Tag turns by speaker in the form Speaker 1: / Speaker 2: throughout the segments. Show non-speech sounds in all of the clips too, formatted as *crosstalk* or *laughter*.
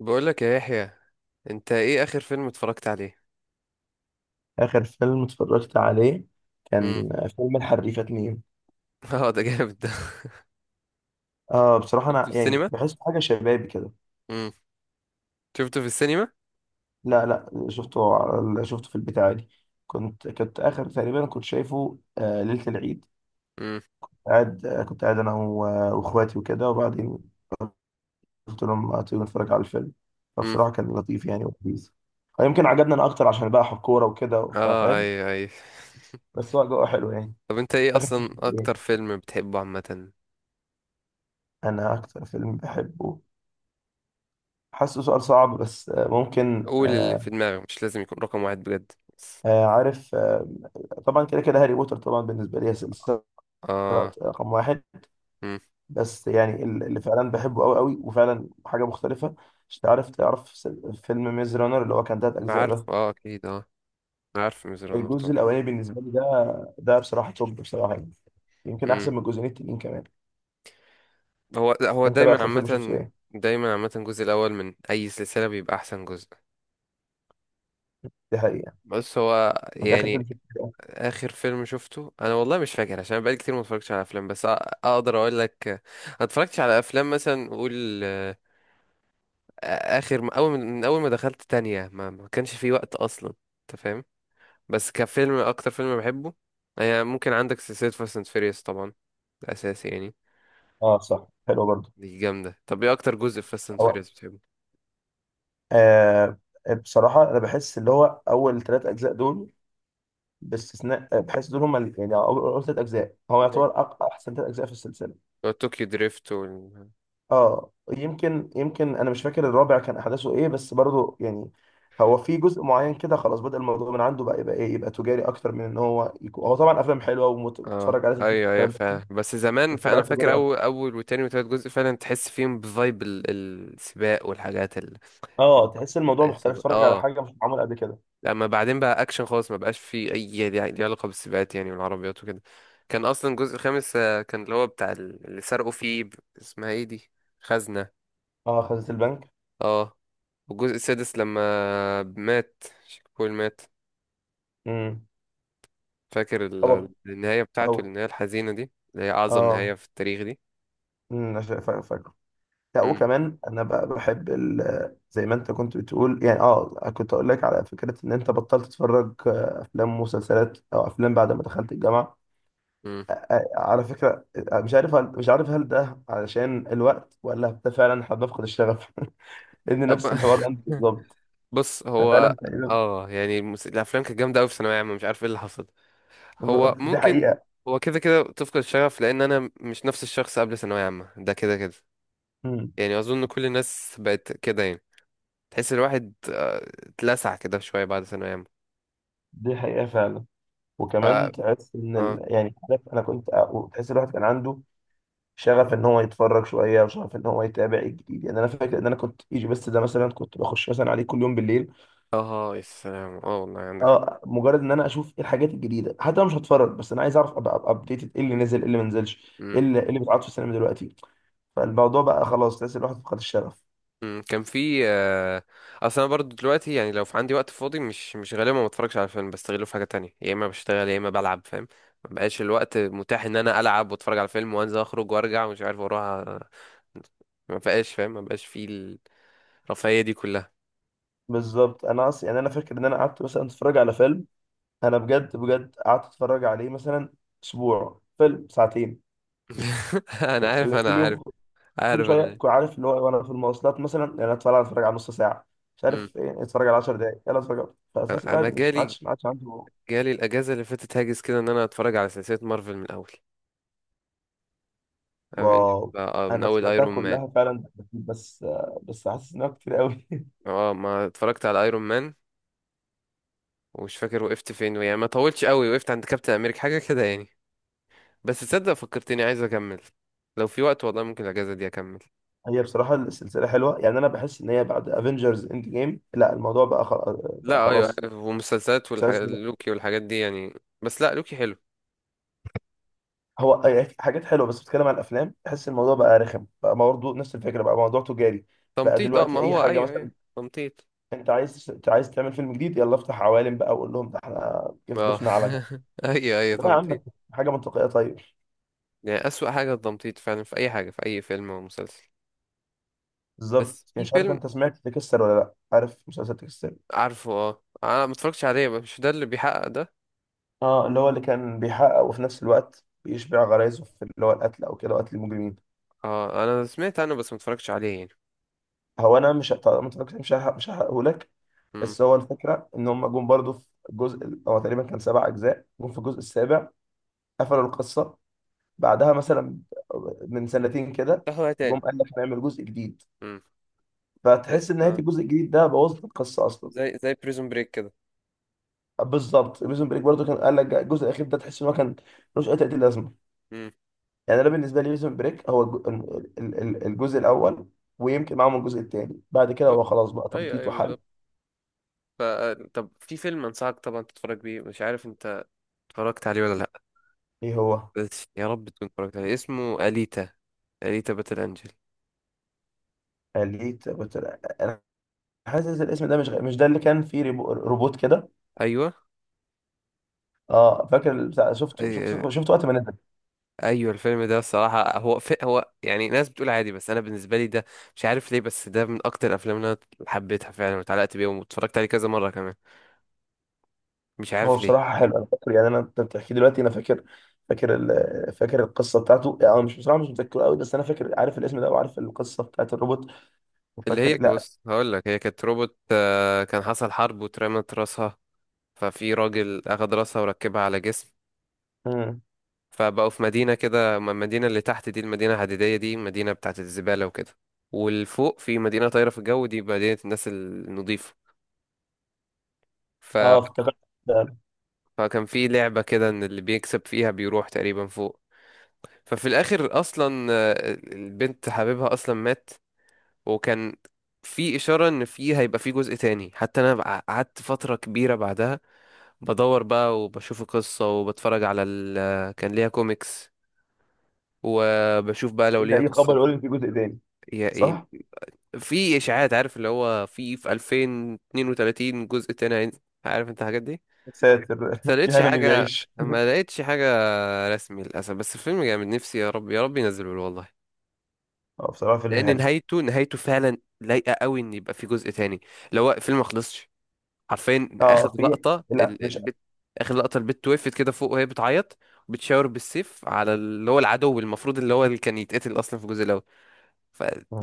Speaker 1: بقول لك يا يحيى، انت ايه اخر فيلم اتفرجت عليه؟
Speaker 2: آخر فيلم اتفرجت عليه
Speaker 1: امم.
Speaker 2: كان فيلم الحريفة اتنين.
Speaker 1: *laughs* اه، ده جامد ده. *laughs*
Speaker 2: آه، بصراحة
Speaker 1: شفته في
Speaker 2: أنا يعني
Speaker 1: السينما؟
Speaker 2: بحس حاجة شبابي كده.
Speaker 1: امم. شفته في السينما؟
Speaker 2: لا لا، شفته في البيت عادي. كنت آخر تقريبا كنت شايفه ليلة العيد،
Speaker 1: امم.
Speaker 2: قاعد، كنت قاعد أنا وإخواتي وكده، وبعدين قلت لهم: ما تيجوا نتفرج على الفيلم؟
Speaker 1: امم.
Speaker 2: فبصراحة كان لطيف يعني، ولذيذ. يمكن عجبنا أنا أكتر عشان بقى حب كورة وكده،
Speaker 1: اه، اي
Speaker 2: فاهم؟
Speaker 1: اي.
Speaker 2: بس هو جو حلو يعني.
Speaker 1: *laughs* طب انت ايه
Speaker 2: آخر فيلم
Speaker 1: اصلا
Speaker 2: شفته
Speaker 1: اكتر
Speaker 2: إيه؟
Speaker 1: فيلم بتحبه عامه؟
Speaker 2: أنا أكتر فيلم بحبه، حاسه سؤال صعب، بس آه، ممكن
Speaker 1: قول اللي
Speaker 2: آه،
Speaker 1: في دماغك، مش لازم يكون رقم واحد بجد بس.
Speaker 2: آه، عارف آه، طبعا كده كده هاري بوتر طبعا بالنسبه لي هي سلسله
Speaker 1: اه.
Speaker 2: رقم واحد.
Speaker 1: امم.
Speaker 2: بس يعني اللي فعلا بحبه قوي قوي وفعلا حاجه مختلفه، مش تعرف فيلم ميز رانر اللي هو كان تلات اجزاء ده؟
Speaker 1: عارف، اه اكيد، اه عارف ميز رانر
Speaker 2: الجزء
Speaker 1: طبعا.
Speaker 2: الاولاني بالنسبه لي ده، ده بصراحه توب بصراحه يعني. يمكن احسن
Speaker 1: امم.
Speaker 2: من الجزئين التانيين كمان.
Speaker 1: هو
Speaker 2: انت بقى
Speaker 1: دايما
Speaker 2: اخر فيلم شفته
Speaker 1: عامه
Speaker 2: ايه؟
Speaker 1: دايما عامه الجزء الاول من اي سلسله بيبقى احسن جزء.
Speaker 2: دي حقيقه يعني.
Speaker 1: بس هو
Speaker 2: انت اخر فيلم
Speaker 1: يعني
Speaker 2: شفته ايه؟
Speaker 1: اخر فيلم شفته انا والله مش فاكر عشان بقالي كتير ما اتفرجتش على افلام، بس اقدر اقول لك، ما اتفرجتش على افلام مثلا، قول، اخر اول من ما دخلت تانية، ما كانش في وقت اصلا. انت فاهم؟ بس كفيلم، اكتر فيلم بحبه هي ممكن عندك سلسلة فاست اند فيريوس طبعا، ده اساسي يعني.
Speaker 2: اه صح، حلو برضه.
Speaker 1: دي جامدة. طب ايه اكتر جزء في فاست اند
Speaker 2: هو
Speaker 1: فيريوس بتحبه؟
Speaker 2: آه بصراحه انا بحس اللي هو اول ثلاث اجزاء دول باستثناء، بحيث دول هم يعني أول ثلاث اجزاء هو يعتبر احسن ثلاث اجزاء في السلسله.
Speaker 1: طوكيو دريفت.
Speaker 2: اه، يمكن انا مش فاكر الرابع كان احداثه ايه، بس برضو يعني هو في جزء معين كده خلاص بدأ الموضوع من عنده، بقى يبقى ايه، يبقى تجاري اكتر من ان هو يكون. هو طبعا افلام حلوه
Speaker 1: اه
Speaker 2: وتتفرج عليها تديك
Speaker 1: ايوه ايوه
Speaker 2: الكلام ده كله،
Speaker 1: فعلا. بس زمان،
Speaker 2: بس بقى
Speaker 1: فانا فاكر
Speaker 2: تجاري اكتر.
Speaker 1: اول، اول وتاني وتالت جزء فعلا تحس فيهم بفايب السباق والحاجات ال-
Speaker 2: اه، تحس الموضوع مختلف،
Speaker 1: الإصابة.
Speaker 2: تتفرج على
Speaker 1: اه
Speaker 2: حاجه مش معموله قبل كده.
Speaker 1: لما بعدين بقى اكشن خالص، ما بقاش فيه اي ليه علاقه بالسباقات يعني، والعربيات وكده. كان اصلا الجزء الخامس، كان اللي هو بتاع اللي سرقوا فيه، اسمها ايه دي، خزنه.
Speaker 2: اه، خزنة البنك.
Speaker 1: اه والجزء السادس لما مات شيك بول مات،
Speaker 2: امم.
Speaker 1: فاكر
Speaker 2: هو
Speaker 1: النهايه بتاعته،
Speaker 2: هو
Speaker 1: النهايه الحزينه دي اللي هي اعظم نهايه
Speaker 2: اه
Speaker 1: في التاريخ دي.
Speaker 2: امم. لا،
Speaker 1: مم.
Speaker 2: وكمان انا بقى بحب زي ما انت كنت بتقول يعني. اه، كنت اقول لك على فكره ان انت بطلت تتفرج افلام ومسلسلات او افلام بعد ما دخلت الجامعه.
Speaker 1: مم.
Speaker 2: على فكره مش عارف هل ده علشان الوقت، ولا ده فعلا احنا بنفقد الشغف؟ *laughs* لان
Speaker 1: طب
Speaker 2: نفس الحوار ده
Speaker 1: *laughs*
Speaker 2: بالظبط،
Speaker 1: بص هو
Speaker 2: فعلا تقريبا.
Speaker 1: اه يعني الافلام كانت جامده قوي في ثانويه عامه، مش عارف ايه اللي حصل. هو
Speaker 2: *laughs* دي
Speaker 1: ممكن
Speaker 2: حقيقه.
Speaker 1: هو كده كده تفقد الشغف لان انا مش نفس الشخص قبل ثانويه عامه، ده كده كده.
Speaker 2: مم.
Speaker 1: يعني اظن كل الناس بقت كده يعني. تحس الواحد، اتلسع كده شويه بعد ثانويه عامه.
Speaker 2: دي حقيقه فعلا.
Speaker 1: ف
Speaker 2: وكمان
Speaker 1: اه
Speaker 2: تحس ان ال... يعني عارف انا كنت تحس الواحد كان عنده شغف ان هو يتفرج شويه، وشغف ان هو يتابع الجديد. يعني انا فاكر ان انا كنت ايجي بس ده مثلا، كنت بخش مثلا عليه كل يوم بالليل.
Speaker 1: اه يا سلام، اه والله عندك
Speaker 2: اه، مجرد ان انا اشوف ايه الحاجات الجديده، حتى لو مش هتفرج، بس انا عايز اعرف ابقى ابديتد ايه اللي نزل، ايه اللي ما نزلش، ايه
Speaker 1: حق.
Speaker 2: اللي إيه اللي بيتعرض في السينما دلوقتي. فالموضوع بقى خلاص، تحس الواحد فقد الشغف.
Speaker 1: مم، كان في، اصل انا برضو دلوقتي يعني لو في عندي وقت فاضي، مش غالبا ما بتفرجش على فيلم، بستغله في حاجه تانية، يا اما بشتغل يا اما بلعب، فاهم؟ ما بقاش الوقت متاح ان انا العب واتفرج على فيلم وانزل اخرج وارجع ومش عارف واروح، ما بقاش فاهم، ما بقاش في الرفاهيه دي كلها.
Speaker 2: بالظبط. انا اصلا يعني انا فاكر ان انا قعدت مثلا اتفرج على فيلم، انا بجد بجد قعدت اتفرج عليه مثلا اسبوع، فيلم ساعتين،
Speaker 1: *laughs* انا عارف
Speaker 2: كل
Speaker 1: انا عارف
Speaker 2: يوم، كل
Speaker 1: عارف
Speaker 2: شويه.
Speaker 1: انا إيه.
Speaker 2: كنت عارف اللي هو إيه، وانا في المواصلات مثلا، يعني أنا اتفرج على نص ساعه، مش
Speaker 1: مم.
Speaker 2: عارف ايه، اتفرج على 10 دقائق، يلا اتفرج. فتحس
Speaker 1: انا
Speaker 2: الواحد مش، ما عادش عنده.
Speaker 1: جالي الاجازه اللي فاتت هاجس كده ان انا اتفرج على سلسله مارفل من الاول. أنا بن-
Speaker 2: واو.
Speaker 1: من
Speaker 2: انا
Speaker 1: اول
Speaker 2: سمعتها
Speaker 1: ايرون مان.
Speaker 2: كلها فعلا، بس بس حاسس انها كتير قوي. *laughs*
Speaker 1: اه، ما اتفرجت على ايرون مان ومش فاكر وقفت فين يعني، ما طولتش قوي، وقفت عند كابتن امريكا حاجه كده يعني. بس تصدق فكرتني عايز اكمل. لو في وقت والله ممكن الاجازه دي اكمل.
Speaker 2: هي بصراحه السلسله حلوه يعني. انا بحس ان هي بعد افنجرز اند جيم لا، الموضوع بقى خلاص. بقى
Speaker 1: لا ايوه،
Speaker 2: خلاص
Speaker 1: ومسلسلات
Speaker 2: حاسس
Speaker 1: والحاجات،
Speaker 2: إن
Speaker 1: لوكي والحاجات دي يعني. بس لا، لوكي حلو.
Speaker 2: هو يعني في حاجات حلوه، بس بتتكلم عن الافلام بحس الموضوع بقى رخم بقى، برضه نفس الفكره، بقى موضوع تجاري. بقى
Speaker 1: تمطيط، اه ما
Speaker 2: دلوقتي اي
Speaker 1: هو
Speaker 2: حاجه
Speaker 1: ايوه ايوه
Speaker 2: مثلا،
Speaker 1: تمطيط.
Speaker 2: انت عايز تعمل فيلم جديد يلا افتح عوالم بقى، وقول لهم ده احنا كيف
Speaker 1: اه
Speaker 2: ضفنا عالم.
Speaker 1: *laughs* ايوه ايوه
Speaker 2: لا يا
Speaker 1: تمطيط.
Speaker 2: عم، حاجه منطقيه طيب.
Speaker 1: يعني اسوأ حاجه التمطيط فعلا في اي حاجه، في اي فيلم او مسلسل. بس
Speaker 2: بالظبط.
Speaker 1: في
Speaker 2: مش عارف
Speaker 1: فيلم
Speaker 2: انت سمعت تكسر ولا لا، عارف مسلسل تكسر؟
Speaker 1: عارفه، اه انا ما اتفرجتش عليه، مش ده اللي بيحقق ده؟
Speaker 2: اه، اللي هو اللي كان بيحقق، وفي نفس الوقت بيشبع غرايزه في اللي هو القتل، او كده قتل المجرمين.
Speaker 1: اه انا سمعت عنه بس ما اتفرجتش عليه يعني.
Speaker 2: هو انا مش، طبعا ما اتفرجتش، مش هحرق مش هحرقه لك.
Speaker 1: امم.
Speaker 2: بس هو الفكره ان هم جم برضه في هو تقريبا كان سبع اجزاء، جم في الجزء السابع قفلوا القصه، بعدها مثلا من سنتين كده
Speaker 1: تحوى تاني.
Speaker 2: جم قال لك نعمل جزء جديد. فتحس ان
Speaker 1: امم.
Speaker 2: نهايه الجزء الجديد ده بوظت القصه اصلا.
Speaker 1: زي بريزون بريك كده.
Speaker 2: بالظبط. بريزون بريك برضه كان قال لك الجزء الاخير ده، تحس ان هو كان ملوش اي تأتي لازمه.
Speaker 1: امم.
Speaker 2: يعني انا بالنسبه لي بريزون بريك هو الجزء الاول، ويمكن معاهم الجزء الثاني، بعد كده
Speaker 1: بالظبط،
Speaker 2: هو خلاص بقى
Speaker 1: ايوه
Speaker 2: تمطيط
Speaker 1: ايوه
Speaker 2: وحل.
Speaker 1: بالظبط. ف- طب في فيلم انصحك طبعا تتفرج بيه، مش عارف انت اتفرجت عليه ولا لا.
Speaker 2: ايه هو؟
Speaker 1: بس يا رب تكون اتفرجت عليه، اسمه اليتا، اليتا باتل انجل.
Speaker 2: اليت، قلت لأ. انا حاسس الاسم ده مش مش ده اللي كان فيه روبوت كده؟
Speaker 1: ايوه.
Speaker 2: اه فاكر بتاع،
Speaker 1: أي-
Speaker 2: شفته وقت ما نزل.
Speaker 1: ايوه الفيلم ده الصراحه، هو في هو يعني ناس بتقول عادي، بس انا بالنسبه لي ده مش عارف ليه، بس ده من اكتر الافلام اللي انا حبيتها فعلا واتعلقت بيها واتفرجت عليه كذا مره كمان، مش
Speaker 2: هو
Speaker 1: عارف ليه.
Speaker 2: بصراحة حلو. أنا فاكر يعني، أنت بتحكي دلوقتي أنا فاكر، فاكر ال... فاكر القصة بتاعته. يعني أنا مش بصراحة مش متذكره قوي، بس أنا فاكر، عارف الاسم ده وعارف القصة بتاعت الروبوت
Speaker 1: اللي هي،
Speaker 2: وفاكر. لا.
Speaker 1: بص هقول لك، هي كانت روبوت، كان حصل حرب واترمت راسها، ففي راجل أخد راسها وركبها على جسم.
Speaker 2: مم.
Speaker 1: فبقوا في مدينة كده، المدينة اللي تحت دي المدينة الحديدية دي مدينة بتاعت الزبالة وكده، والفوق في مدينة طايرة في الجو، دي مدينة الناس النظيفة. ف...
Speaker 2: أه، افتكرت ده.
Speaker 1: فكان في لعبة كده، إن اللي بيكسب فيها بيروح تقريبا فوق. ففي الآخر أصلا، البنت حبيبها أصلا مات، وكان في إشارة إن في هيبقى في جزء تاني. حتى أنا قعدت فترة كبيرة بعدها بدور بقى وبشوف القصة وبتفرج على كان ليها كوميكس، وبشوف بقى لو
Speaker 2: إن
Speaker 1: ليها
Speaker 2: أي خبر
Speaker 1: قصة
Speaker 2: يقول إن في جزء تاني،
Speaker 1: يعني.
Speaker 2: صح؟
Speaker 1: في إشاعات، عارف اللي هو، في 2032 جزء تاني هينزل. عارف انت الحاجات دي.
Speaker 2: يا ساتر،
Speaker 1: بس ما
Speaker 2: *laughs*
Speaker 1: لقيتش
Speaker 2: يا هنا من اللي
Speaker 1: حاجة،
Speaker 2: يعيش.
Speaker 1: ما لقيتش حاجة رسمي للأسف. بس الفيلم جامد، نفسي يا رب يا رب ينزله له والله،
Speaker 2: أه بصراحة فيلم
Speaker 1: لأن
Speaker 2: هنا.
Speaker 1: نهايته، نهايته فعلا لايقة قوي إن يبقى في جزء تاني. لو هو الفيلم ما خلصش، حرفيا آخر
Speaker 2: أه، في،
Speaker 1: لقطة
Speaker 2: لا مش.
Speaker 1: البت، آخر لقطة البت وقفت كده فوق وهي بتعيط، بتشاور بالسيف على اللي هو العدو المفروض اللي هو اللي كان يتقتل أصلا في الجزء الأول.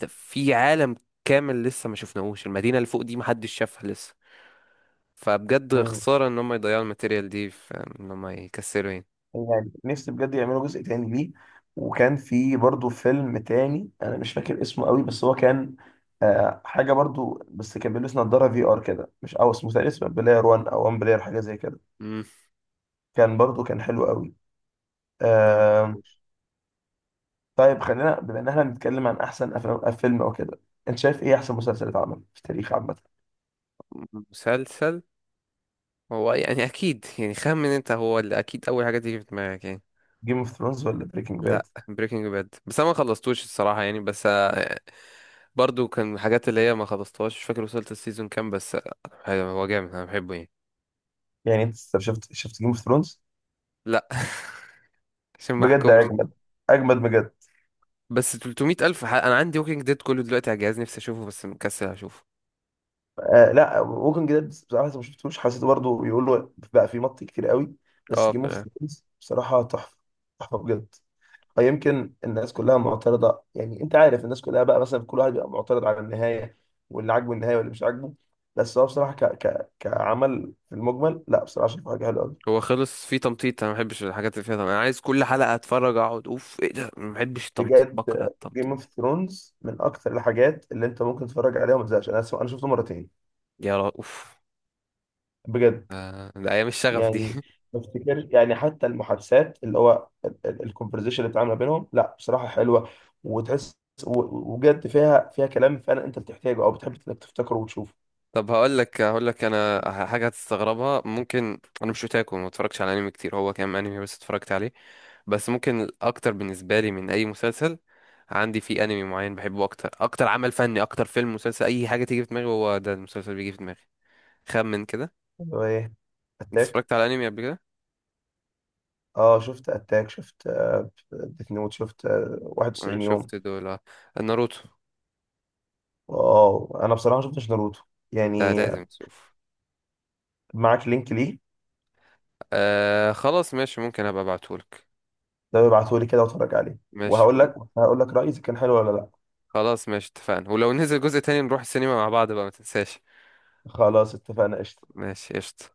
Speaker 1: ففي عالم كامل لسه ما شفناهوش، المدينة اللي فوق دي محدش شافها لسه. فبجد
Speaker 2: مم.
Speaker 1: خسارة ان هم يضيعوا الماتيريال دي في ان هم يكسروا يعني.
Speaker 2: يعني نفسي بجد يعملوا جزء تاني ليه. وكان في برضو فيلم تاني انا مش فاكر اسمه قوي، بس هو كان آه حاجه برضو، بس كان بيلبس نظاره في ار كده، مش، او اسمه تقريبا اسمه بلاير 1، او 1 بلاير، حاجه زي كده.
Speaker 1: مم.
Speaker 2: كان برضو كان حلو قوي. آه.
Speaker 1: معرفوش.
Speaker 2: طيب، خلينا بما ان احنا بنتكلم عن احسن افلام، فيلم او كده، انت شايف ايه احسن مسلسل اتعمل في التاريخ عامه؟
Speaker 1: مسلسل. هو يعني اكيد يعني خمن انت، هو اللي اكيد اول حاجة تيجي في دماغك يعني.
Speaker 2: جيم اوف ثرونز ولا بريكنج
Speaker 1: لا
Speaker 2: باد؟
Speaker 1: بريكنج باد، بس انا ما خلصتوش الصراحة يعني، بس، برضو كان من الحاجات اللي هي ما خلصتهاش، مش فاكر وصلت السيزون كام، بس، هو جامد انا بحبه يعني.
Speaker 2: يعني انت شفت جيم اوف ثرونز؟
Speaker 1: لا *laughs* عشان ما
Speaker 2: بجد اه،
Speaker 1: احكمش.
Speaker 2: اجمد، اجمد بجد.
Speaker 1: بس 300 ألف، أنا عندي ووكينج ديد كله دلوقتي على الجهاز، نفسي أشوفه بس مكسل أشوفه.
Speaker 2: آه لا، ووكينج ديد بصراحه لسه ما شفتوش، حسيته برضه بيقولوا بقى في مط كتير قوي. بس
Speaker 1: اه
Speaker 2: جيم اوف
Speaker 1: فعلا.
Speaker 2: ثرونز بصراحه تحفه، تحفه بجد. أو يمكن الناس كلها معترضه، يعني انت عارف الناس كلها بقى مثلا كل واحد بيبقى معترض على النهايه، واللي عاجبه النهايه واللي مش عاجبه. بس هو بصراحه كعمل في المجمل، لا بصراحه شايفه حاجه حلوه قوي.
Speaker 1: هو خلص فيه تمطيط، أنا مبحبش الحاجات اللي فيها تمطيط. أنا عايز كل حلقة أتفرج أقعد أوف إيه ده، مبحبش التمطيط،
Speaker 2: بجد،
Speaker 1: بكره
Speaker 2: جيم
Speaker 1: التمطيط.
Speaker 2: اوف ثرونز من اكثر الحاجات اللي انت ممكن تتفرج عليها وما تزهقش. انا شفته مرتين
Speaker 1: يا را أوف،
Speaker 2: بجد.
Speaker 1: ده أيام الشغف دي.
Speaker 2: يعني
Speaker 1: *laughs*
Speaker 2: ما افتكرش يعني، حتى المحادثات اللي هو الكونفرزيشن اللي بتتعامل ما بينهم، لا بصراحه حلوه، وتحس وجد فيها، فيها كلام فعلا انت بتحتاجه او بتحب انك تفتكره وتشوفه.
Speaker 1: طب هقول لك أنا حاجة هتستغربها، ممكن أنا مش أوتاكو، ما اتفرجش على أنمي كتير، هو كام أنمي بس اتفرجت عليه. بس ممكن الأكتر بالنسبة لي من أي مسلسل، عندي فيه أنمي معين بحبه أكتر، أكتر عمل فني، أكتر فيلم مسلسل أي حاجة تيجي في دماغي هو ده المسلسل بيجي في دماغي. خمن كده.
Speaker 2: هو ايه،
Speaker 1: انت
Speaker 2: اتاك؟
Speaker 1: اتفرجت على انمي قبل كده؟
Speaker 2: اه شفت اتاك، شفت ديث نوت، شفت
Speaker 1: انا
Speaker 2: 91 يوم.
Speaker 1: شفت دول آه. ناروتو.
Speaker 2: اه انا بصراحه ما شفتش ناروتو
Speaker 1: انت
Speaker 2: يعني.
Speaker 1: لازم تشوف.
Speaker 2: معاك لينك ليه؟
Speaker 1: آه خلاص ماشي، ممكن ابقى ابعتهولك.
Speaker 2: ده ابعته لي كده واتفرج عليه،
Speaker 1: ماشي
Speaker 2: وهقول لك هقول لك رايي اذا كان حلو ولا لا.
Speaker 1: خلاص ماشي اتفقنا. ولو نزل جزء تاني نروح السينما مع بعض بقى، ما تنساش.
Speaker 2: خلاص اتفقنا، قشطه.
Speaker 1: ماشي قشطة.